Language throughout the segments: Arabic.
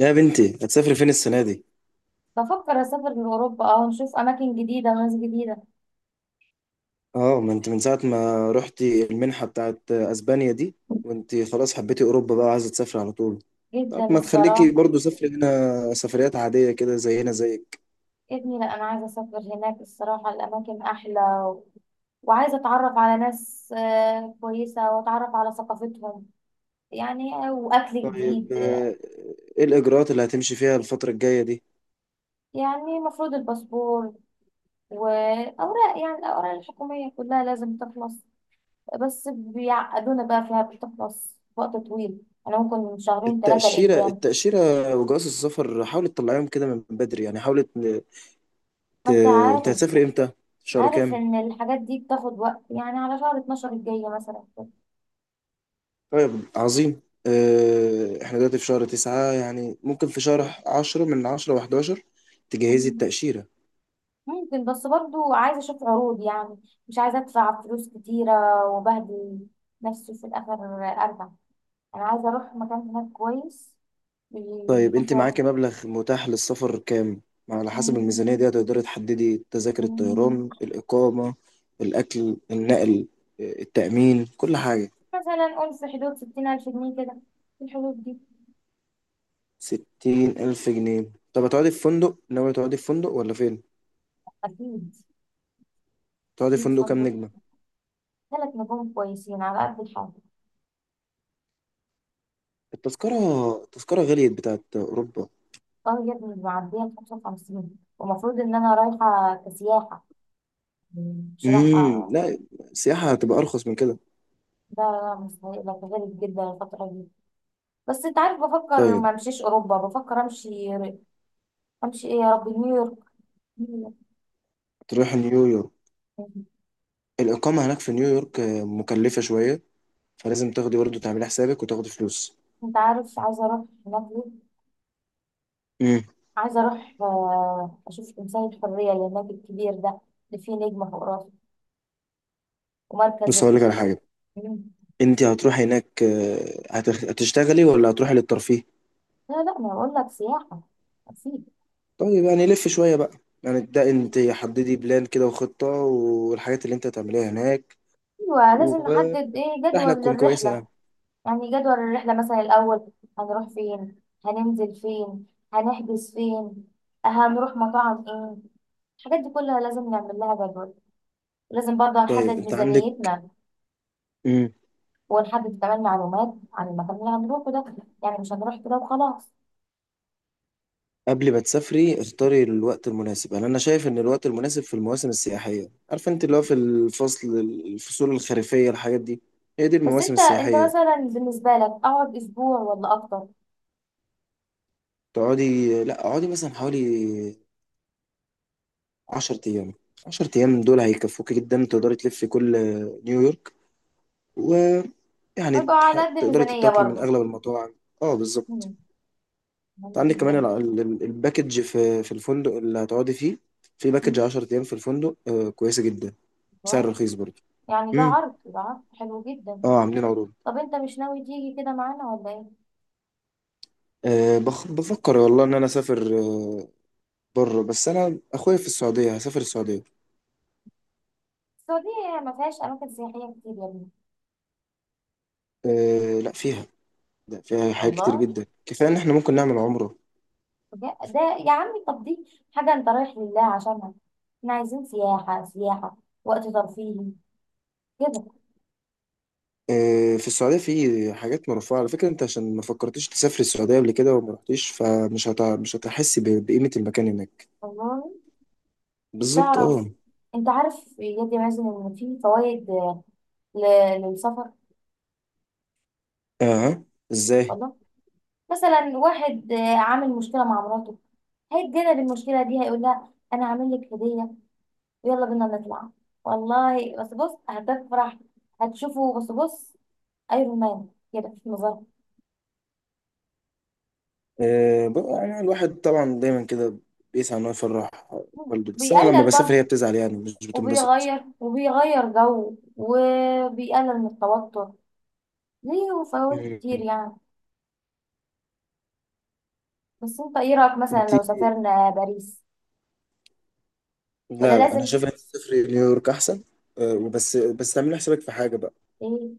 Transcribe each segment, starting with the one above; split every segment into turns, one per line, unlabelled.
يا بنتي هتسافري فين السنة دي؟
بفكر أسافر لأوروبا ونشوف أماكن جديدة وناس جديدة
اه، ما انت من ساعة ما رحتي المنحة بتاعت اسبانيا دي وانت خلاص حبيتي اوروبا بقى وعايزة تسافري على طول. طب
جدا،
ما تخليكي
الصراحة.
برضو سافري هنا سفريات عادية كده زينا زيك.
يا ابني، لأ، أنا عايزة أسافر هناك، الصراحة الأماكن أحلى. وعايزة أتعرف على ناس كويسة، وأتعرف على ثقافتهم. يعني وأكل
طيب.
جديد.
ايه الاجراءات اللي هتمشي فيها الفترة الجاية دي؟
يعني المفروض الباسبور، وأوراق، يعني الأوراق الحكومية كلها لازم تخلص. بس بيعقدونا بقى فيها، بتخلص في وقت طويل. أنا ممكن من شهرين ثلاثة
التأشيرة،
لقدام.
التأشيرة وجواز السفر حاولي تطلعيهم كده من بدري، يعني ت-
ما أنت
انت
عارف.
هتسافري امتى؟ شهر
عارف
كام؟
ان الحاجات دي بتاخد وقت، يعني على شهر 12 الجاية مثلا كده.
طيب. عظيم. احنا دلوقتي في شهر 9، يعني ممكن في شهر 10 من 10 و11 تجهزي
مم.
التأشيرة.
ممكن، بس برضو عايزة اشوف عروض يعني. مش عايزة ادفع فلوس كتيرة وبهدل نفسي في الاخر. ارجع. انا عايزة اروح مكان هناك كويس،
طيب،
بيكون
انت
فيه
معاكي
عروض.
مبلغ متاح للسفر كام؟ على حسب الميزانية
مم.
دي هتقدري تحددي تذاكر
مم.
الطيران، الإقامة، الأكل، النقل، التأمين، كل حاجة.
مثلا قول في حدود 60 الف جنيه كده، في الحدود دي.
60,000 جنيه؟ طب هتقعدي في فندق؟ ناوية تقعدي في فندق ولا فين؟
اكيد.
تقعدي في
100
فندق كام
فندق،
نجمة؟
ثلاث نجوم كويسين على قد الحاجة.
التذكرة، التذكرة غليت بتاعت أوروبا.
اه يا ابني، معدية ال 55، ومفروض ان انا رايحة كسياحة بصراحة.
لا، السياحة هتبقى أرخص من كده.
ده مستحيل، غريب جدا الفترة دي. بس انت عارف، بفكر
طيب،
ما امشيش اوروبا، بفكر امشي. امشي ايه؟ يا ربي، نيويورك.
تروح نيويورك. الإقامة هناك في نيويورك مكلفة شوية، فلازم تاخدي برضه تعملي حسابك وتاخدي فلوس.
انت عارف عايزة اروح هناك ليه؟
امم.
عايزة اروح اشوف تمثال الحرية اللي هناك الكبير ده، اللي فيه نجمة فوق راسه. ومركز
بص، هقول لك
ال-
على حاجة.
مم.
أنت هتروحي هناك هتشتغلي ولا هتروحي للترفيه؟
لا لا، ما اقول لك سياحة. اكيد.
طيب، يعني لف شوية بقى. يعني ده
مم.
أنت حددي بلان كده وخطة والحاجات اللي أنت هتعمليها هناك.
ايوه، لازم نحدد،
والرحلة
ايه، جدول
تكون كويسة
للرحلة.
يعني.
يعني جدول الرحلة مثلا، الأول هنروح فين، هننزل فين، هنحجز فين، هنروح مطاعم ايه، الحاجات دي كلها لازم نعمل لها جدول. لازم برضه
طيب،
نحدد
أنت عندك.
ميزانيتنا.
مم.
ونحدد كمان معلومات عن المكان اللي هنروحه ده، يعني مش هنروح كده وخلاص.
قبل ما تسافري اختاري الوقت المناسب. انا شايف ان الوقت المناسب في المواسم السياحيه. عارفه انت، اللي هو في الفصول الخريفيه، الحاجات دي. هي دي
بس
المواسم
انت
السياحيه.
مثلا بالنسبة لك، اقعد اسبوع ولا اكتر؟
لا، اقعدي مثلا حوالي 10 ايام. 10 ايام دول هيكفوكي جدا. تقدري تلفي كل نيويورك، ويعني
هيبقى على قد
تقدري
الميزانية
تتاكلي من
برضه.
اغلب المطاعم. اه، بالظبط.
مم،
أنت
مهم
عندك كمان
جدا.
الباكج في الفندق اللي هتقعدي فيه. في باكج
مم،
10 ايام في الفندق كويسه جدا بسعر
والله.
رخيص برضه.
يعني ده
امم.
عرض ده عرض حلو جدا.
اه، عاملين عروض.
طب انت مش ناوي تيجي كده معانا ولا ايه؟
أه، بفكر والله إن أنا أسافر بره. بس أنا أخويا في السعودية، هسافر السعودية.
السعودية ما فيهاش أماكن سياحية كتير يا ابني.
أه، لا، فيها. لا، فيها حاجات كتير
الله.
جدا، كفاية إن إحنا ممكن نعمل عمرة.
بجد- ده يا عمي، طب دي حاجة أنت رايح لله عشانها. احنا عايزين سياحة سياحة، وقت ترفيهي، كده.
أه، في السعودية في حاجات مرفوعة. على فكرة أنت عشان ما فكرتش تسافر السعودية قبل كده وما رحتيش، مش هتحس بقيمة المكان هناك.
والله.
بالظبط،
تعرف؟
أه.
أنت عارف يا مازن، إن في فوائد للسفر.
أه. إزاي؟
والله. مثلا واحد عامل مشكلة مع مراته، هيتجنب المشكلة دي، هيقول لها أنا عامل لك هدية، ويلا بينا نطلع. والله بس بص، هتفرح. هتشوفه بس بص، أيرون مان كده في مظهر.
أه، بقى يعني الواحد طبعا دايما كده بيسعى إن هو يفرح والده. بس أنا لما
بيقلل
بسافر هي
برضه،
بتزعل، يعني مش بتنبسط.
وبيغير وبيغير جو، وبيقلل من التوتر ليه، وفوائد
مم.
كتير يعني. بس انت ايه رأيك، مثلا
انت.
لو سافرنا باريس؟ ولا
لا، لا، انا
لازم.
شايف ان الصفر نيويورك احسن. وبس تعمل حسابك في حاجه بقى.
ايه؟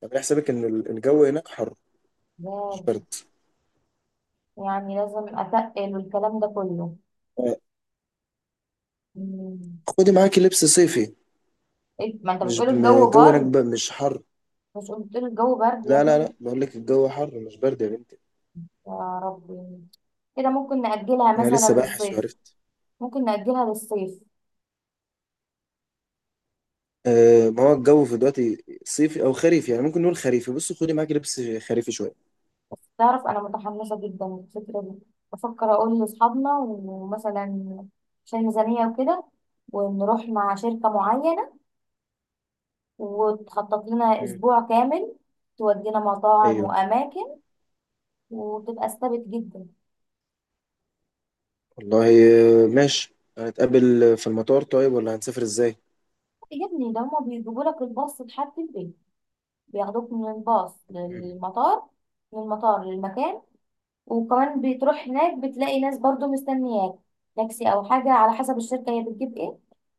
تعمل حسابك ان الجو هناك حر، مش
لا.
برد.
يعني لازم اتقل والكلام ده كله.
أه،
مم.
خدي معاكي لبس صيفي.
إيه؟ ما انت
مش
بتقول
م-
الجو
الجو هناك
برد.
بقى مش حر.
مش قلت لي الجو برد يا
لا، لا،
ابني؟
لا، بقول لك الجو حر مش برد يا بنتي.
يا ربي. كده ممكن نأجلها
انا
مثلا
لسه باحث
للصيف.
وعرفت.
ممكن نأجلها للصيف.
ما هو الجو في دلوقتي صيفي او خريفي، يعني ممكن نقول خريفي. بصي، خدي معاكي لبس خريفي شويه.
بس تعرف، انا متحمسه جدا للفكره دي. بفكر اقول لاصحابنا ومثلا، عشان ميزانيه وكده، ونروح مع شركه معينه، وتخطط لنا
مم.
اسبوع كامل، تودينا مطاعم
ايوه،
واماكن، وتبقى استبت جدا.
والله. ماشي، هنتقابل في المطار طيب، ولا هنسافر ازاي؟
يا ابني، ده هما بيجيبوا لك الباص لحد البيت. بياخدوك من الباص
مم.
للمطار، من المطار للمكان. وكمان بتروح هناك بتلاقي ناس برضو مستنياك، تاكسي او حاجة على حسب الشركة هي بتجيب ايه،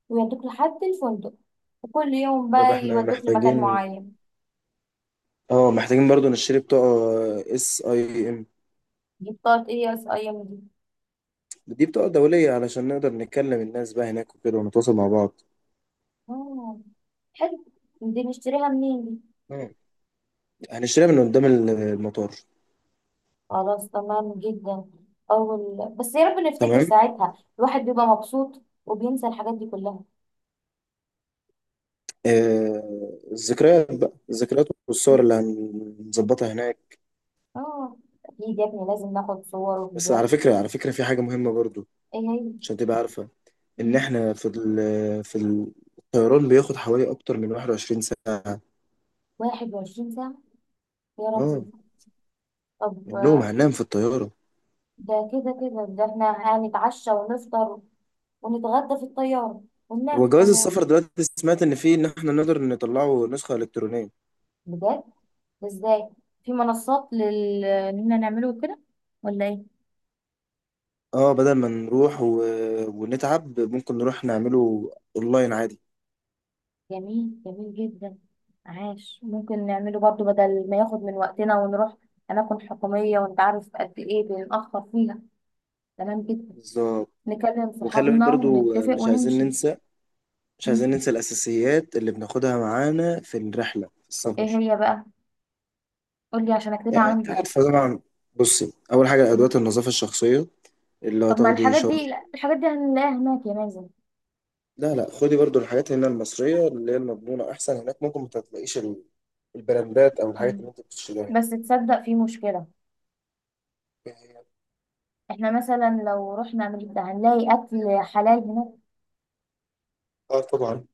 ويودوك لحد الفندق. وكل يوم
طب
بقى
احنا
يودوك لمكان
محتاجين.
معين.
اه، محتاجين برضو نشتري بطاقة اس اي ام.
دي بطاقة ايه، اس اي ام دي؟
دي بطاقة دولية علشان نقدر نتكلم الناس بقى هناك وكده، ونتواصل مع بعض.
آه، حلو. دي نشتريها منين دي؟
مم. هنشتريها من قدام المطار.
خلاص، تمام جدا. اول بس يا رب نفتكر
تمام.
ساعتها، الواحد بيبقى مبسوط وبينسى الحاجات دي كلها.
آه، الذكريات بقى، الذكريات والصور
مم.
اللي هنظبطها هناك.
اه. اكيد يا ابني لازم ناخد صور
بس على
وفيديوهات.
فكرة، على فكرة في حاجة مهمة برضو.
ايه هي؟
عشان تبقى عارفة ان
مم.
احنا في في ال- الطيران بياخد حوالي اكتر من 21 ساعة.
21 ساعة؟ يا
اه.
ربي.
النوم
طب
هننام في الطيارة.
ده كده كده، ده احنا هنتعشى ونفطر ونتغدى في الطيارة، وننام في
هو جواز
الطيارة.
السفر دلوقتي سمعت ان فيه ان احنا نقدر نطلعه نسخة الكترونية.
بجد؟ ده ازاي؟ في منصات لل اننا نعمله كده ولا ايه؟
اه، بدل ما ونتعب ممكن نروح نعمله اونلاين عادي.
جميل، جميل جدا. عاش. ممكن نعمله برضو، بدل ما ياخد من وقتنا ونروح أماكن حكومية وأنت عارف قد إيه بنتأخر فيها. تمام جدا.
بالظبط.
نكلم
وخلي بالك
صحابنا
برضو،
ونتفق
مش عايزين
ونمشي.
ننسى مش
مم.
عايزين ننسى الاساسيات اللي بناخدها معانا في الرحله في
إيه
السفر.
هي بقى؟ قولي عشان أكتبها
يعني انت
عندي.
عارفه طبعا. بصي، اول حاجه
مم.
ادوات النظافه الشخصيه اللي
طب، ما
هتاخدي
الحاجات
شاور.
دي الحاجات دي هنلاقيها هناك يا مازن؟
لا، لا، خدي برضو الحاجات هنا المصريه اللي هي المضمونه، احسن هناك ممكن ما تلاقيش البراندات او الحاجات
مم.
اللي انت بتشتريها
بس تصدق، في مشكلة.
هنا.
احنا مثلا لو رحنا امريكا، هنلاقي اكل حلال هناك؟
اه، طبعا.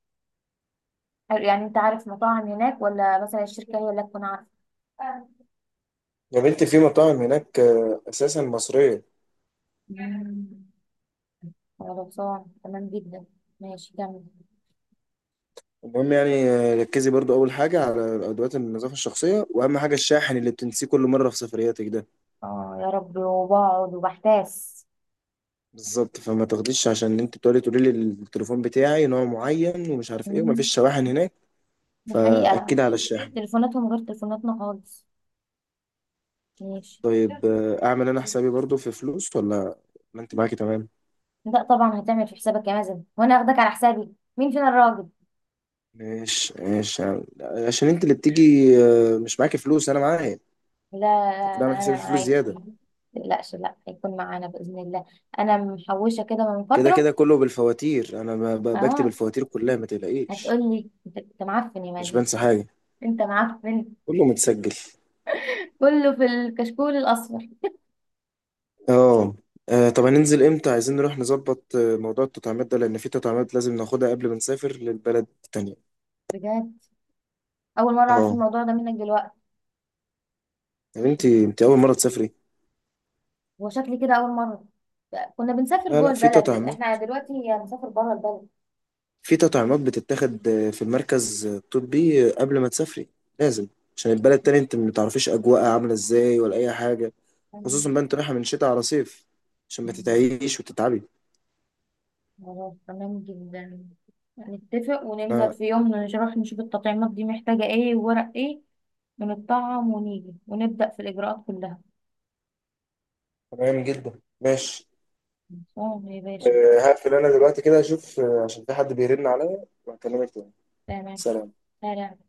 يعني انت عارف مطاعم هناك، ولا مثلا الشركة هي اللي تكون عارفة؟
يا بنتي في مطاعم هناك اساسا مصريه.
مم. خلصان تمام جدا. ماشي، كمل.
المهم، يعني ركزي برضو اول حاجه على ادوات النظافه الشخصيه، واهم حاجه الشاحن اللي بتنسيه كل مره في سفرياتك ده.
اه يا رب، وبقعد وبحتاس.
بالظبط، فما تاخديش عشان انت تقولي لي التليفون بتاعي نوع معين ومش عارف ايه
مم.
ومفيش شواحن هناك.
دي حقيقة.
فاكدي على الشاحن.
تليفوناتهم غير تليفوناتنا خالص. ماشي.
طيب، اعمل انا حسابي برضو في فلوس ولا ما انت معاكي تمام؟
لا، طبعا هتعمل في حسابك يا مازن، وانا اخدك على حسابي؟ مين فينا الراجل؟
ماشي، ماشي، عشان انت اللي بتيجي، مش معاكي فلوس، انا معايا.
لا لا
كده اعمل
لا، انا
حسابي في فلوس
معاك.
زياده.
متقلقش، لا هيكون معانا باذن الله. انا محوشه كده من
كده،
فتره.
كده، كله بالفواتير. انا بكتب
اه.
الفواتير كلها، ما
هتقول
تقلقيش.
لي أنت معفن يا
مش
مازن؟
بنسى حاجه،
انت معفن.
كله متسجل.
كله في الكشكول الاصفر.
اه. طب هننزل امتى؟ عايزين نروح نظبط موضوع التطعيمات ده، لان في تطعيمات لازم ناخدها قبل ما نسافر للبلد التانية.
بجد؟ اول مره اعرف
اه.
الموضوع ده منك دلوقتي.
طب انت اول مرة تسافري.
هو شكلي كده اول مره. كنا بنسافر
لا،
جوه
لا، في
البلد، احنا
تطعيمات.
دلوقتي هنسافر بره البلد.
في تطعيمات بتتاخد في المركز الطبي قبل ما تسافري، لازم. عشان البلد التانية انت ما تعرفيش اجواءها عاملة ازاي ولا اي حاجة، خصوصا بقى انت رايحة من شتاء على صيف. عشان ما تتعيش وتتعبي.
خلاص، تمام جدا. نتفق وننزل
آه،
في يوم نروح نشوف التطعيمات دي محتاجه ايه وورق ايه. بنطعم ونيجي ونبدأ في الإجراءات كلها.
تمام جدا ماشي.
صوم يا باشا.
هقفل انا دلوقتي كده، اشوف عشان في حد بيرن عليا، وهكلمك تاني.
تمام.
سلام.
سلام.